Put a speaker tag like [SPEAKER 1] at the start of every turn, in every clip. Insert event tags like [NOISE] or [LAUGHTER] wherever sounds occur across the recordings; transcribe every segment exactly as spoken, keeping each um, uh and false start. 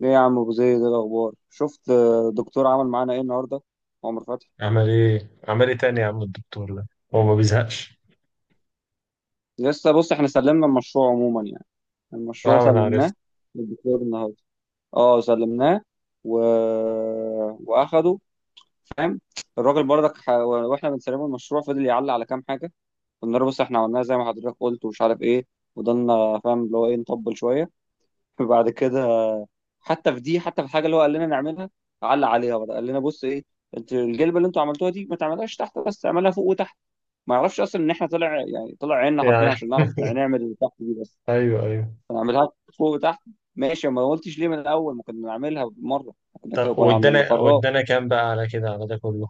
[SPEAKER 1] ليه يا عم ابو زيد، ايه الاخبار؟ شفت، آه، دكتور عمل معانا ايه النهارده؟ عمر فتحي،
[SPEAKER 2] عمل ايه عمل ايه تاني يا عم الدكتور ده، هو ما بيزهقش.
[SPEAKER 1] لسه بص احنا سلمنا المشروع عموما يعني. المشروع
[SPEAKER 2] اه انا عرفت.
[SPEAKER 1] سلمناه للدكتور النهارده، اه سلمناه و... واخده، فاهم. الراجل برضك ح... واحنا بنسلمه المشروع فضل يعلق على كام حاجه. قلنا له بص احنا عملناها زي ما حضرتك قلت ومش عارف ايه، وضلنا فاهم اللي هو ايه نطبل شويه. [LAUGHS] وبعد كده حتى في دي، حتى في الحاجه اللي هو قال لنا نعملها علق عليها بقى، قال لنا بص ايه، انت الجلبه اللي انتوا عملتوها دي ما تعملهاش تحت بس، اعملها فوق وتحت. ما اعرفش اصلا ان احنا طلع يعني طلع عيننا حرفيا
[SPEAKER 2] يعني
[SPEAKER 1] عشان نعرف نعمل اللي تحت دي بس.
[SPEAKER 2] ايوه، ايوه.
[SPEAKER 1] هنعملها فوق وتحت، ماشي، ما قلتش ليه من الاول ما كنا نعملها مره؟ كنا كده
[SPEAKER 2] طب
[SPEAKER 1] كنا عند
[SPEAKER 2] وادانا
[SPEAKER 1] الخراط.
[SPEAKER 2] وادانا كام بقى على كده، على ده كله؟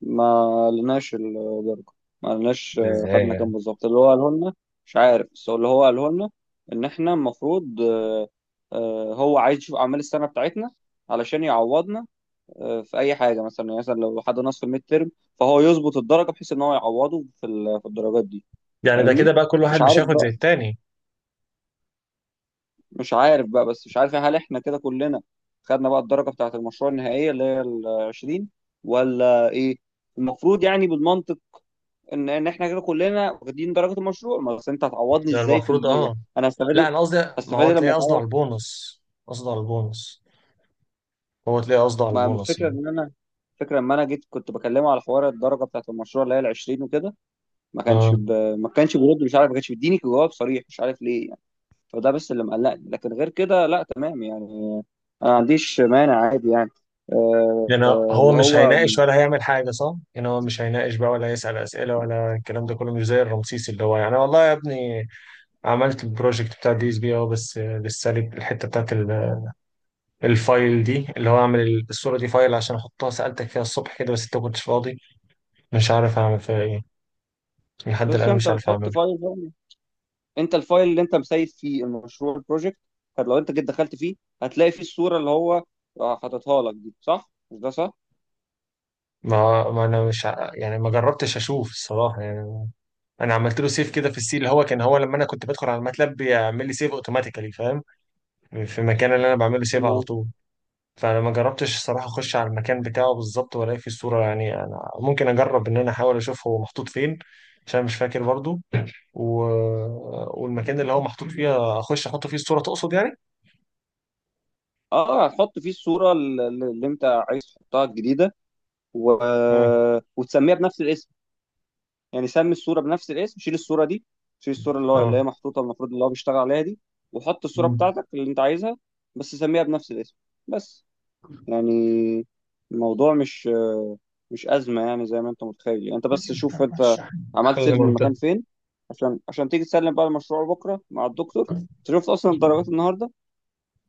[SPEAKER 1] ما لناش الدرجه، ما لناش،
[SPEAKER 2] ده
[SPEAKER 1] آه،
[SPEAKER 2] ازاي
[SPEAKER 1] خدنا كام
[SPEAKER 2] يعني؟
[SPEAKER 1] بالظبط اللي هو قاله لنا. مش عارف بس هو اللي هو قاله لنا ان احنا المفروض، آه، آه، هو عايز يشوف اعمال السنه بتاعتنا علشان يعوضنا آه، في اي حاجه، مثلا يعني مثلا لو حد نقص في الميد ترم فهو يظبط الدرجه بحيث ان هو يعوضه في ال- في الدرجات دي،
[SPEAKER 2] يعني ده كده
[SPEAKER 1] فاهمني.
[SPEAKER 2] بقى كل
[SPEAKER 1] مش
[SPEAKER 2] واحد مش
[SPEAKER 1] عارف
[SPEAKER 2] هياخد زي
[SPEAKER 1] بقى،
[SPEAKER 2] التاني؟
[SPEAKER 1] مش عارف بقى بس مش عارف هل احنا كده كلنا خدنا بقى الدرجة بتاعة المشروع النهائية اللي هي ال عشرين ولا ايه؟ المفروض يعني بالمنطق ان ان احنا كده كلنا واخدين درجة المشروع، ما بس انت هتعوضني
[SPEAKER 2] يعني
[SPEAKER 1] ازاي في
[SPEAKER 2] المفروض
[SPEAKER 1] المية،
[SPEAKER 2] اه،
[SPEAKER 1] انا هستفاد ايه؟
[SPEAKER 2] لا انا قصدي، ما
[SPEAKER 1] هستفاد
[SPEAKER 2] هو
[SPEAKER 1] ايه لما
[SPEAKER 2] تلاقيه قصده على
[SPEAKER 1] اتعوض؟
[SPEAKER 2] البونص، قصده على البونص. هو تلاقيه قصده على
[SPEAKER 1] ما
[SPEAKER 2] البونص
[SPEAKER 1] الفكرة
[SPEAKER 2] يعني.
[SPEAKER 1] ان انا، فكرة لما انا جيت كنت بكلمه على حوار الدرجة بتاعة المشروع اللي هي ال عشرين وكده، ما كانش
[SPEAKER 2] اه.
[SPEAKER 1] ب... ما كانش بيرد، مش عارف، ما كانش بيديني جواب صريح، مش عارف ليه يعني. فده بس اللي مقلقني، لكن غير كده لا تمام يعني، انا ما عنديش مانع، عادي يعني. آه،
[SPEAKER 2] يعني هو
[SPEAKER 1] اللي
[SPEAKER 2] مش
[SPEAKER 1] هو
[SPEAKER 2] هيناقش ولا هيعمل حاجه صح؟ يعني هو مش هيناقش بقى ولا هيسال اسئله ولا الكلام ده كله مش زي الرمسيس اللي هو يعني والله يا ابني عملت البروجكت بتاع دي اس بي، اه بس لسه لي الحته بتاعت ال- الفايل دي اللي هو اعمل ال- الصوره دي فايل عشان احطها. سالتك فيها الصبح كده بس انت ما كنتش فاضي. مش عارف اعمل فيها ايه، لحد
[SPEAKER 1] بس
[SPEAKER 2] الان
[SPEAKER 1] انت
[SPEAKER 2] مش عارف
[SPEAKER 1] بتحط
[SPEAKER 2] اعمله.
[SPEAKER 1] فايل بقى. انت الفايل اللي انت مسيب فيه المشروع البروجكت، لو انت جيت دخلت فيه هتلاقي فيه الصوره اللي هو آه، حاططها لك دي، صح مش ده؟ صح،
[SPEAKER 2] ما ما انا مش ع- يعني ما جربتش اشوف الصراحه يعني. انا عملت له سيف كده في السي اللي هو كان، هو لما انا كنت بدخل على الماتلاب بيعمل لي سيف اوتوماتيكالي، فاهم، في المكان اللي انا بعمله سيف على
[SPEAKER 1] ماشي.
[SPEAKER 2] طول. فانا ما جربتش الصراحه اخش على المكان بتاعه بالظبط والاقي فيه الصوره، يعني انا ممكن اجرب ان انا احاول اشوف هو محطوط فين عشان مش فاكر برضو. و... والمكان اللي هو محطوط فيه اخش احط فيه الصوره تقصد يعني؟
[SPEAKER 1] اه هتحط فيه الصوره اللي اللي انت حطها الجديده و...
[SPEAKER 2] امم
[SPEAKER 1] وتسميها بنفس الاسم، يعني سمي الصوره بنفس الاسم، شيل الصوره دي، شيل الصوره اللي هو- اللي
[SPEAKER 2] اه.
[SPEAKER 1] هي محطوطه المفروض اللي هو بيشتغل عليها دي، وحط الصوره
[SPEAKER 2] مم.
[SPEAKER 1] بتاعتك اللي انت عايزها، بس سميها بنفس الاسم بس. يعني الموضوع مش مش أزمة يعني زي ما أنت متخيل، يعني أنت بس شوف أنت عملت
[SPEAKER 2] خلي
[SPEAKER 1] سيف
[SPEAKER 2] منطقة.
[SPEAKER 1] للمكان فين، عشان عشان تيجي تسلم بقى المشروع بكرة مع الدكتور. أنت شفت أصلا الدرجات النهاردة،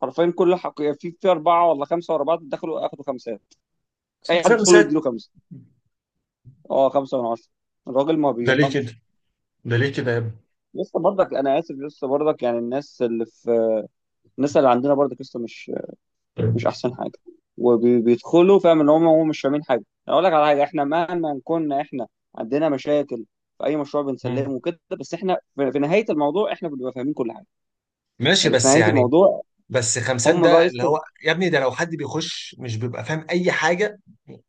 [SPEAKER 1] حرفيا كل حق في في أربعة ولا خمسة ورا بعض دخلوا أخدوا خمسات. أي حد يدخل
[SPEAKER 2] خمسات؟
[SPEAKER 1] يديله خمسة، أه خمسة من عشرة، الراجل ما
[SPEAKER 2] ده ليه كده؟
[SPEAKER 1] بيرحمش.
[SPEAKER 2] ده ليه كده يا ابني؟
[SPEAKER 1] لسه برضك، أنا آسف، لسه برضك يعني الناس اللي في، الناس اللي عندنا برضك لسه مش مش احسن حاجه، وبيدخلوا فاهم ان هم هم مش فاهمين حاجه. أنا اقول لك على حاجه، احنا مهما كنا احنا عندنا مشاكل في اي مشروع
[SPEAKER 2] مم.
[SPEAKER 1] بنسلمه كده بس احنا في في نهايه الموضوع احنا بنبقى فاهمين كل حاجه
[SPEAKER 2] ماشي
[SPEAKER 1] يعني، في
[SPEAKER 2] بس
[SPEAKER 1] نهايه
[SPEAKER 2] يعني،
[SPEAKER 1] الموضوع
[SPEAKER 2] بس خمسات
[SPEAKER 1] هم بقى
[SPEAKER 2] ده اللي
[SPEAKER 1] يسطوا.
[SPEAKER 2] هو يا ابني ده لو حد بيخش مش بيبقى فاهم اي حاجه.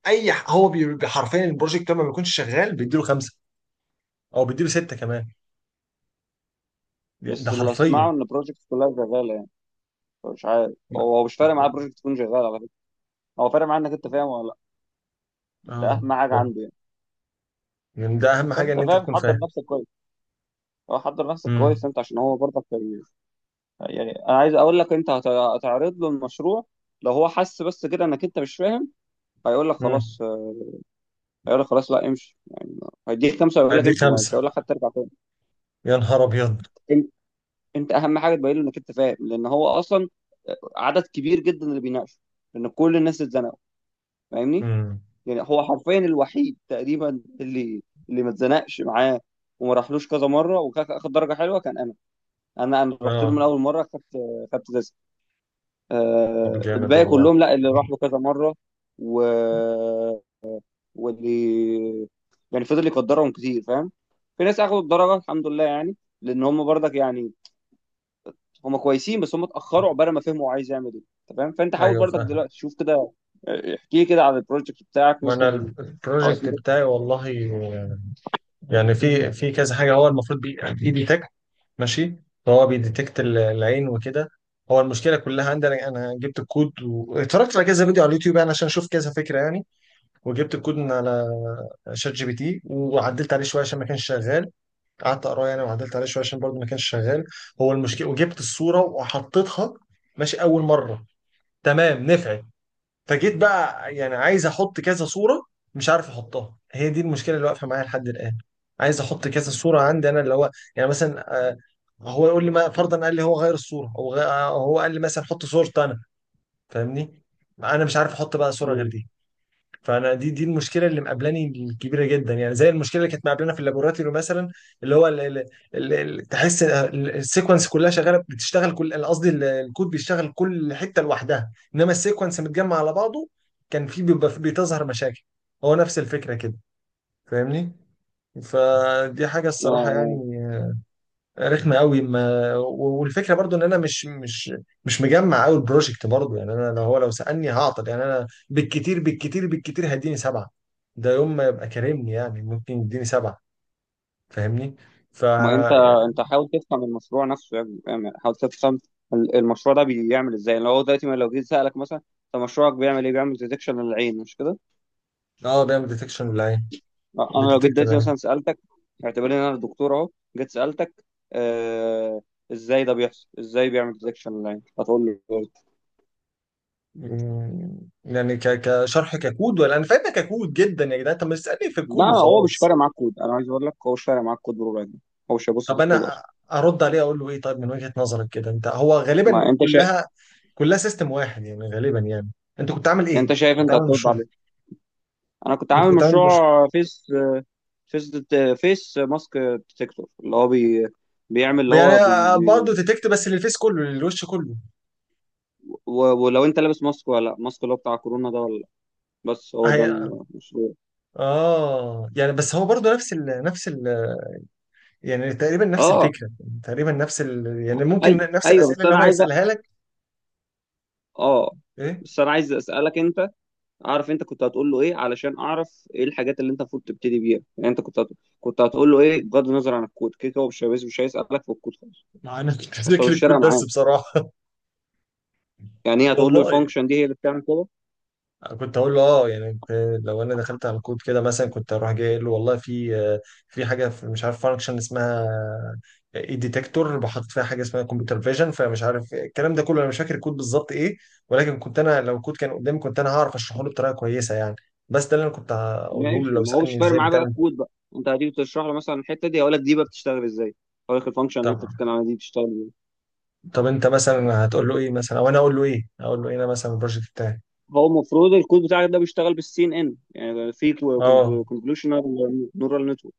[SPEAKER 2] اي ح- هو بي- بي- حرفيا البروجكت ده ما بيكونش شغال بيديله خمسه، او بيديله سته كمان. ده
[SPEAKER 1] بس اللي
[SPEAKER 2] حرفيا.
[SPEAKER 1] اسمعه ان البروجكت كلها شغاله يعني. مش عارف، هو مش فارق معاه البروجكت تكون شغاله، على فكره هو فارق معاه انك انت فاهم ولا لا، ده
[SPEAKER 2] اه.
[SPEAKER 1] اهم حاجه
[SPEAKER 2] اه
[SPEAKER 1] عنده يعني.
[SPEAKER 2] يعني ده اهم حاجه
[SPEAKER 1] فانت
[SPEAKER 2] ان انت
[SPEAKER 1] فاهم،
[SPEAKER 2] تكون
[SPEAKER 1] حضر
[SPEAKER 2] فاهم.
[SPEAKER 1] نفسك كويس، هو حضر نفسك كويس انت عشان هو برضك يعني، انا عايز اقول لك انت هت- هتعرض له المشروع، لو هو حس بس كده انك انت مش فاهم هيقول لك خلاص،
[SPEAKER 2] امم.
[SPEAKER 1] آه، هيقول لك خلاص لا امشي يعني، هيديك خمسه ويقول لك
[SPEAKER 2] ادي
[SPEAKER 1] امشي،
[SPEAKER 2] خمسة؟
[SPEAKER 1] مش هيقول لك حتى ارجع تاني.
[SPEAKER 2] يا نهار ابيض.
[SPEAKER 1] انت انت اهم حاجه تبين له انك انت فاهم، لان هو اصلا عدد كبير جدا اللي بيناقشوا، لان كل الناس اتزنقوا، فاهمني.
[SPEAKER 2] امم.
[SPEAKER 1] يعني هو حرفيا الوحيد تقريبا اللي اللي ما اتزنقش معاه وما راحلوش كذا مره وخد درجه حلوه كان انا، انا انا رحت له
[SPEAKER 2] اه.
[SPEAKER 1] من اول مره خدت، خدت تسعة.
[SPEAKER 2] طب
[SPEAKER 1] آه،
[SPEAKER 2] جامد
[SPEAKER 1] الباقي كلهم
[SPEAKER 2] والله.
[SPEAKER 1] لا، اللي راح له كذا مرة و... واللي يعني فضل يقدرهم كتير فاهم. في ناس اخدوا الدرجة الحمد لله يعني، لان هم برضك يعني هم كويسين، بس هم اتأخروا عقبال ما فهموا عايز يعمل ايه. أنت فاهم، فانت حاول
[SPEAKER 2] ايوه
[SPEAKER 1] برضك
[SPEAKER 2] فاهم.
[SPEAKER 1] دلوقتي شوف كده. آه، احكي لي كده على البروجكت بتاعك،
[SPEAKER 2] ما انا
[SPEAKER 1] ممكن
[SPEAKER 2] ال-
[SPEAKER 1] اعرف
[SPEAKER 2] البروجكت
[SPEAKER 1] ايه ده؟
[SPEAKER 2] بتاعي والله يعني في في كذا حاجه هو المفروض بي بي ديتكت. ماشي. هو بيديتكت ال- العين وكده. هو المشكله كلها عندي، انا انا جبت الكود واتفرجت على كذا فيديو على اليوتيوب يعني عشان اشوف كذا فكره يعني. وجبت الكود من على شات جي بي تي وعدلت عليه شويه عشان ما كانش شغال، قعدت اقراه يعني وعدلت عليه شويه عشان برضه ما كانش شغال. هو المشكله وجبت الصوره وحطيتها ماشي اول مره، تمام، نفعت. فجيت بقى يعني عايز احط كذا صوره، مش عارف احطها، هي دي المشكله اللي واقفه معايا لحد الان. عايز احط كذا صوره عندي انا اللي هو يعني مثلا آه، هو يقول لي، ما فرضا قال لي هو غير الصوره، هو غ... آه، هو قال لي مثلا حط صورة انا، فاهمني؟ انا مش عارف احط بقى صوره غير
[SPEAKER 1] مم.
[SPEAKER 2] دي. فانا دي دي المشكله اللي مقابلاني الكبيره جدا يعني، زي المشكله اللي كانت مقابلانا في اللابوراتوري مثلا، اللي هو ال- ال- ال- ال- تحس ال- السيكونس كلها شغاله بتشتغل كل، أنا قصدي ال- الكود بيشتغل كل حته لوحدها انما السيكونس متجمع على بعضه كان في بيبقى في- بتظهر مشاكل. هو نفس الفكره كده، فاهمني؟ فدي حاجه
[SPEAKER 1] اه
[SPEAKER 2] الصراحه
[SPEAKER 1] آه.
[SPEAKER 2] يعني رخمه قوي. ما و- والفكره برضو ان انا مش مش مش مجمع قوي البروجكت برضو يعني. انا لو هو لو سالني هعطل يعني، انا بالكتير بالكتير بالكتير هيديني سبعه، ده يوم ما يبقى كارمني يعني ممكن يديني سبعه، فاهمني؟ ف
[SPEAKER 1] ما انت، انت
[SPEAKER 2] يعني.
[SPEAKER 1] حاول تفهم المشروع نفسه يعني فاهم؟ يعني حاول تفهم ال- المشروع ده بيعمل ازاي. يعني لو هو دلوقتي ما- لو جيت سألك مثلا انت مشروعك بيعمل ايه؟ بيعمل ديتكشن للعين مش كده؟
[SPEAKER 2] اه بيعمل ديتكشن ولا ايه؟
[SPEAKER 1] آه، انا لو جيت
[SPEAKER 2] بتديتكت
[SPEAKER 1] دلوقتي
[SPEAKER 2] العين.
[SPEAKER 1] مثلا سالتك، اعتبرني ان انا دكتور اهو، جيت سالتك آه، ازاي ده بيحصل؟ ازاي بيعمل ديتكشن لاين؟ هتقول له كود.
[SPEAKER 2] مم، يعني ك... كشرح؟ ككود ولا؟ انا فاهمها ككود جدا يا جدعان، طب ما تسالني في
[SPEAKER 1] لا،
[SPEAKER 2] الكود
[SPEAKER 1] هو مش
[SPEAKER 2] وخلاص.
[SPEAKER 1] فارق معاك كود، انا عايز اقول لك هو مش فارق معاك كود بربع جنيه، هو مش هيبص في
[SPEAKER 2] طب
[SPEAKER 1] الكود
[SPEAKER 2] انا
[SPEAKER 1] اصلا.
[SPEAKER 2] ارد عليه اقول له ايه؟ طيب من وجهه نظرك كده انت، هو غالبا
[SPEAKER 1] ما انت شايف،
[SPEAKER 2] كلها، كلها سيستم واحد يعني غالبا يعني. انت كنت عامل
[SPEAKER 1] انت
[SPEAKER 2] ايه؟
[SPEAKER 1] شايف
[SPEAKER 2] كنت
[SPEAKER 1] انت
[SPEAKER 2] عامل
[SPEAKER 1] هترد
[SPEAKER 2] مشروع.
[SPEAKER 1] عليه. انا كنت
[SPEAKER 2] انت
[SPEAKER 1] عامل
[SPEAKER 2] كنت عامل مشروع
[SPEAKER 1] مشروع فيس، فيس فيس ماسك ديتكتور، اللي هو بي، بيعمل اللي
[SPEAKER 2] يعني؟
[SPEAKER 1] هو بي
[SPEAKER 2] آه، آه،
[SPEAKER 1] بي
[SPEAKER 2] برضه ديتكت بس للفيس كله، للوش كله.
[SPEAKER 1] و- ولو انت لابس ماسك ولا لا، ماسك اللي هو بتاع كورونا ده ولا لا، بس هو ده
[SPEAKER 2] هي...
[SPEAKER 1] المشروع.
[SPEAKER 2] اه يعني بس هو برضه نفس ال... نفس ال... يعني تقريبا نفس
[SPEAKER 1] اه،
[SPEAKER 2] الفكره، تقريبا نفس ال... يعني ممكن
[SPEAKER 1] اي
[SPEAKER 2] نفس
[SPEAKER 1] ايوه
[SPEAKER 2] الاسئله
[SPEAKER 1] بس
[SPEAKER 2] اللي
[SPEAKER 1] انا
[SPEAKER 2] هو
[SPEAKER 1] عايز،
[SPEAKER 2] هيسالها لك.
[SPEAKER 1] اه
[SPEAKER 2] ايه؟
[SPEAKER 1] بس انا عايز اسالك انت، اعرف انت كنت هتقول له ايه علشان اعرف ايه الحاجات اللي انت المفروض تبتدي بيها. يعني انت كنت هت... كنت هتقول له ايه، بغض النظر عن الكود، كده كده هو مش هيبص- مش هيسالك في الكود خالص،
[SPEAKER 2] مع انا كنت
[SPEAKER 1] بس هو
[SPEAKER 2] فاكر [LAUGHS] الكود
[SPEAKER 1] الشارع
[SPEAKER 2] بس
[SPEAKER 1] معاه.
[SPEAKER 2] بصراحه.
[SPEAKER 1] يعني
[SPEAKER 2] [LAUGHS]
[SPEAKER 1] ايه، هتقول له
[SPEAKER 2] والله
[SPEAKER 1] الفانكشن دي هي اللي بتعمل كده؟
[SPEAKER 2] كنت اقول له اه يعني كنت- لو انا دخلت على الكود كده مثلا كنت اروح جاي اقول له والله في آه، في حاجه في مش عارف فانكشن اسمها اي ديتكتور، بحط فيها حاجه اسمها كمبيوتر فيجن، فمش عارف الكلام ده كله، انا مش فاكر الكود بالظبط ايه، ولكن كنت انا لو الكود كان قدامي كنت انا هعرف اشرحه له بطريقه كويسه يعني. بس ده اللي انا كنت هقوله له
[SPEAKER 1] ماشي،
[SPEAKER 2] لو
[SPEAKER 1] ما هو مش
[SPEAKER 2] سالني
[SPEAKER 1] فارق
[SPEAKER 2] ازاي
[SPEAKER 1] معاه بقى
[SPEAKER 2] بتعمل.
[SPEAKER 1] الكود بقى، انت هتيجي تشرح له مثلا الحته دي هيقول لك دي بقى بتشتغل ازاي، هقول لك الفانكشن اللي
[SPEAKER 2] طب،
[SPEAKER 1] انت بتتكلم عنها دي بتشتغل ازاي.
[SPEAKER 2] طب انت مثلا هتقول له ايه؟ مثلا او انا اقول له ايه؟ اقول له ايه انا مثلا البروجكت بتاعي؟
[SPEAKER 1] هو المفروض الكود بتاعك ده بيشتغل بالسي ان ان، يعني في
[SPEAKER 2] اه.
[SPEAKER 1] كونفولوشنال نورال نتورك،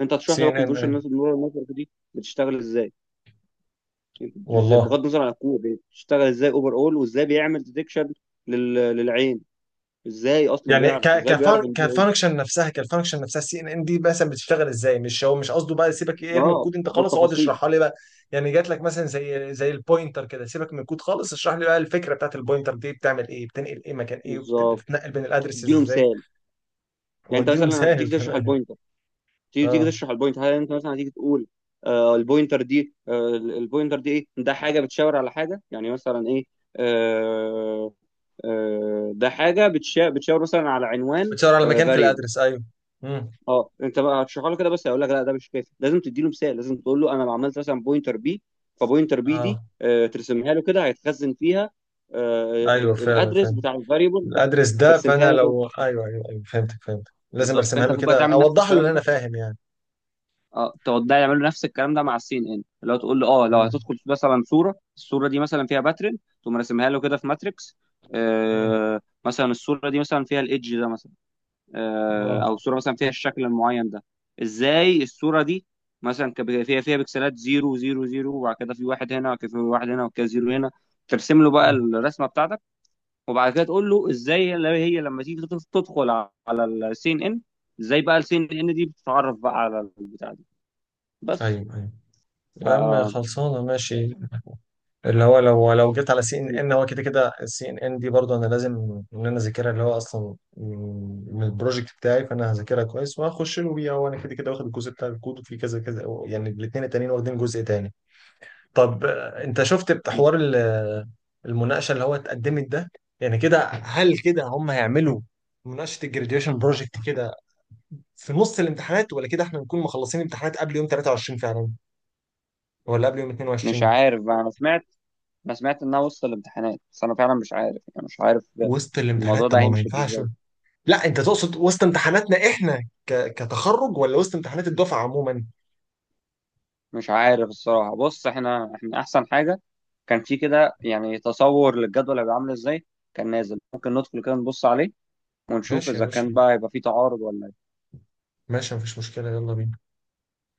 [SPEAKER 1] انت هتشرح
[SPEAKER 2] سي
[SPEAKER 1] لي بقى
[SPEAKER 2] ان ان؟
[SPEAKER 1] كونفولوشنال نورال نتورك دي بتشتغل ازاي، ازاي-
[SPEAKER 2] والله
[SPEAKER 1] بغض النظر عن الكود، يعني بتشتغل ازاي اوفر اول، وازاي بيعمل ديتكشن للعين، ازاي اصلا
[SPEAKER 2] يعني
[SPEAKER 1] بيعرف،
[SPEAKER 2] ك
[SPEAKER 1] ازاي
[SPEAKER 2] كفان
[SPEAKER 1] بيعرف ان دي عين.
[SPEAKER 2] كفانكشن نفسها، كالفانكشن نفسها السي ان ان دي مثلا بتشتغل ازاي؟ مش هو مش قصده بقى سيبك ايه ارمي
[SPEAKER 1] اه
[SPEAKER 2] الكود انت خالص، اقعد
[SPEAKER 1] بالتفاصيل،
[SPEAKER 2] اشرحها لي بقى. يعني جات لك مثلا زي زي البوينتر كده، سيبك من الكود خالص، اشرح لي بقى الفكره بتاعت البوينتر دي بتعمل ايه، بتنقل ايه، مكان ايه، وبت-
[SPEAKER 1] بالظبط،
[SPEAKER 2] بتتنقل بين الادرسز
[SPEAKER 1] تديله
[SPEAKER 2] ازاي.
[SPEAKER 1] مثال. يعني انت
[SPEAKER 2] واديله
[SPEAKER 1] مثلا
[SPEAKER 2] مثال
[SPEAKER 1] هتديك
[SPEAKER 2] [LAUGHS]
[SPEAKER 1] تشرح
[SPEAKER 2] كمان.
[SPEAKER 1] البوينتر، تيجي تيجي
[SPEAKER 2] اه
[SPEAKER 1] تشرح البوينت، هل انت مثلا هتيجي تقول آه البوينتر دي، آه البوينتر دي ايه ده، حاجه بتشاور على حاجه، يعني مثلا ايه، آه آه ده حاجه بتشا- بتشاور مثلا على عنوان
[SPEAKER 2] بتشاور على مكان في
[SPEAKER 1] فاريبل.
[SPEAKER 2] الادرس، ايوه. امم.
[SPEAKER 1] اه انت بقى هتشرحه له كده، بس هيقول لك لا ده مش كافي، لازم تدي له مثال، لازم تقول له انا لو عملت مثلا بوينتر بي، فبوينتر بي دي
[SPEAKER 2] اه،
[SPEAKER 1] آه ترسمها له كده، هيتخزن فيها آه
[SPEAKER 2] ايوه
[SPEAKER 1] ال-
[SPEAKER 2] فعلا
[SPEAKER 1] الادرس
[SPEAKER 2] فاهم
[SPEAKER 1] بتاع الفاريبل ده.
[SPEAKER 2] الادرس ده.
[SPEAKER 1] ترسمها
[SPEAKER 2] فانا
[SPEAKER 1] له كده
[SPEAKER 2] لو ايوه، ايوه ايوه فهمتك، فهمتك لازم
[SPEAKER 1] بالظبط،
[SPEAKER 2] ارسمها
[SPEAKER 1] فانت
[SPEAKER 2] له
[SPEAKER 1] المفروض بقى
[SPEAKER 2] كده،
[SPEAKER 1] تعمل نفس
[SPEAKER 2] اوضح له اللي
[SPEAKER 1] الكلام
[SPEAKER 2] انا
[SPEAKER 1] ده،
[SPEAKER 2] فاهم يعني.
[SPEAKER 1] اه تقعد ده يعملوا نفس الكلام ده مع السين ان ان، اللي هو تقول له اه لو
[SPEAKER 2] امم
[SPEAKER 1] هتدخل مثلا صوره، الصوره دي مثلا فيها باترن تقوم راسمها له كده في ماتريكس،
[SPEAKER 2] امم
[SPEAKER 1] آه مثلا الصوره دي مثلا فيها الايدج ده مثلا، آه
[SPEAKER 2] اه.
[SPEAKER 1] او الصوره مثلا فيها الشكل المعين ده، ازاي الصوره دي مثلا كب- فيها فيها بكسلات زيرو زيرو زيرو وبعد كده في واحد هنا وبعد كده في واحد هنا وبعد كده زيرو هنا. ترسم له بقى الرسمه بتاعتك، وبعد كده تقول له ازاي اللي هي لما تيجي تدخل على السين ان ان، ازاي بقى السين ان ان دي بتتعرف بقى على البتاع دي، بس.
[SPEAKER 2] ايوه ايوه
[SPEAKER 1] ف
[SPEAKER 2] يا عم، خلصانه ماشي. اللي هو لو لو جيت على سي ان
[SPEAKER 1] م-
[SPEAKER 2] ان هو كده كده السي ان ان دي برضه انا لازم ان انا اذاكرها، اللي هو اصلا من البروجكت بتاعي، فانا هذاكرها كويس وهخش له بيها، وانا كده كده واخد الجزء بتاع الكود وفي كذا كذا يعني، الاثنين التانيين واخدين جزء تاني. طب آه، انت شفت
[SPEAKER 1] م-
[SPEAKER 2] بحوار ال- المناقشه اللي هو اتقدمت ده، يعني كده هل كده هم هيعملوا مناقشه الجراديويشن بروجكت كده في نص الامتحانات، ولا كده احنا نكون مخلصين امتحانات قبل يوم تلتاشر فعلا، ولا قبل يوم
[SPEAKER 1] مش
[SPEAKER 2] اتناشر؟
[SPEAKER 1] عارف بقى، انا سمعت، انا سمعت انها وسط الامتحانات بس انا فعلا مش عارف يعني، مش عارف
[SPEAKER 2] وسط
[SPEAKER 1] الموضوع
[SPEAKER 2] الامتحانات؟ طب
[SPEAKER 1] ده
[SPEAKER 2] ما ما
[SPEAKER 1] هيمشي
[SPEAKER 2] ينفعش.
[SPEAKER 1] ازاي.
[SPEAKER 2] لا انت تقصد وسط امتحاناتنا احنا ك... كتخرج ولا وسط امتحانات الدفعه عموما؟
[SPEAKER 1] مش عارف الصراحه، بص احنا، احنا احسن حاجه كان في كده يعني تصور للجدول هيبقى عامل ازاي، كان نازل ممكن ندخل كده نبص عليه ونشوف
[SPEAKER 2] ماشي يا
[SPEAKER 1] اذا
[SPEAKER 2] باشا،
[SPEAKER 1] كان بقى يبقى في تعارض ولا.
[SPEAKER 2] ماشي مفيش مشكله، يلا بينا.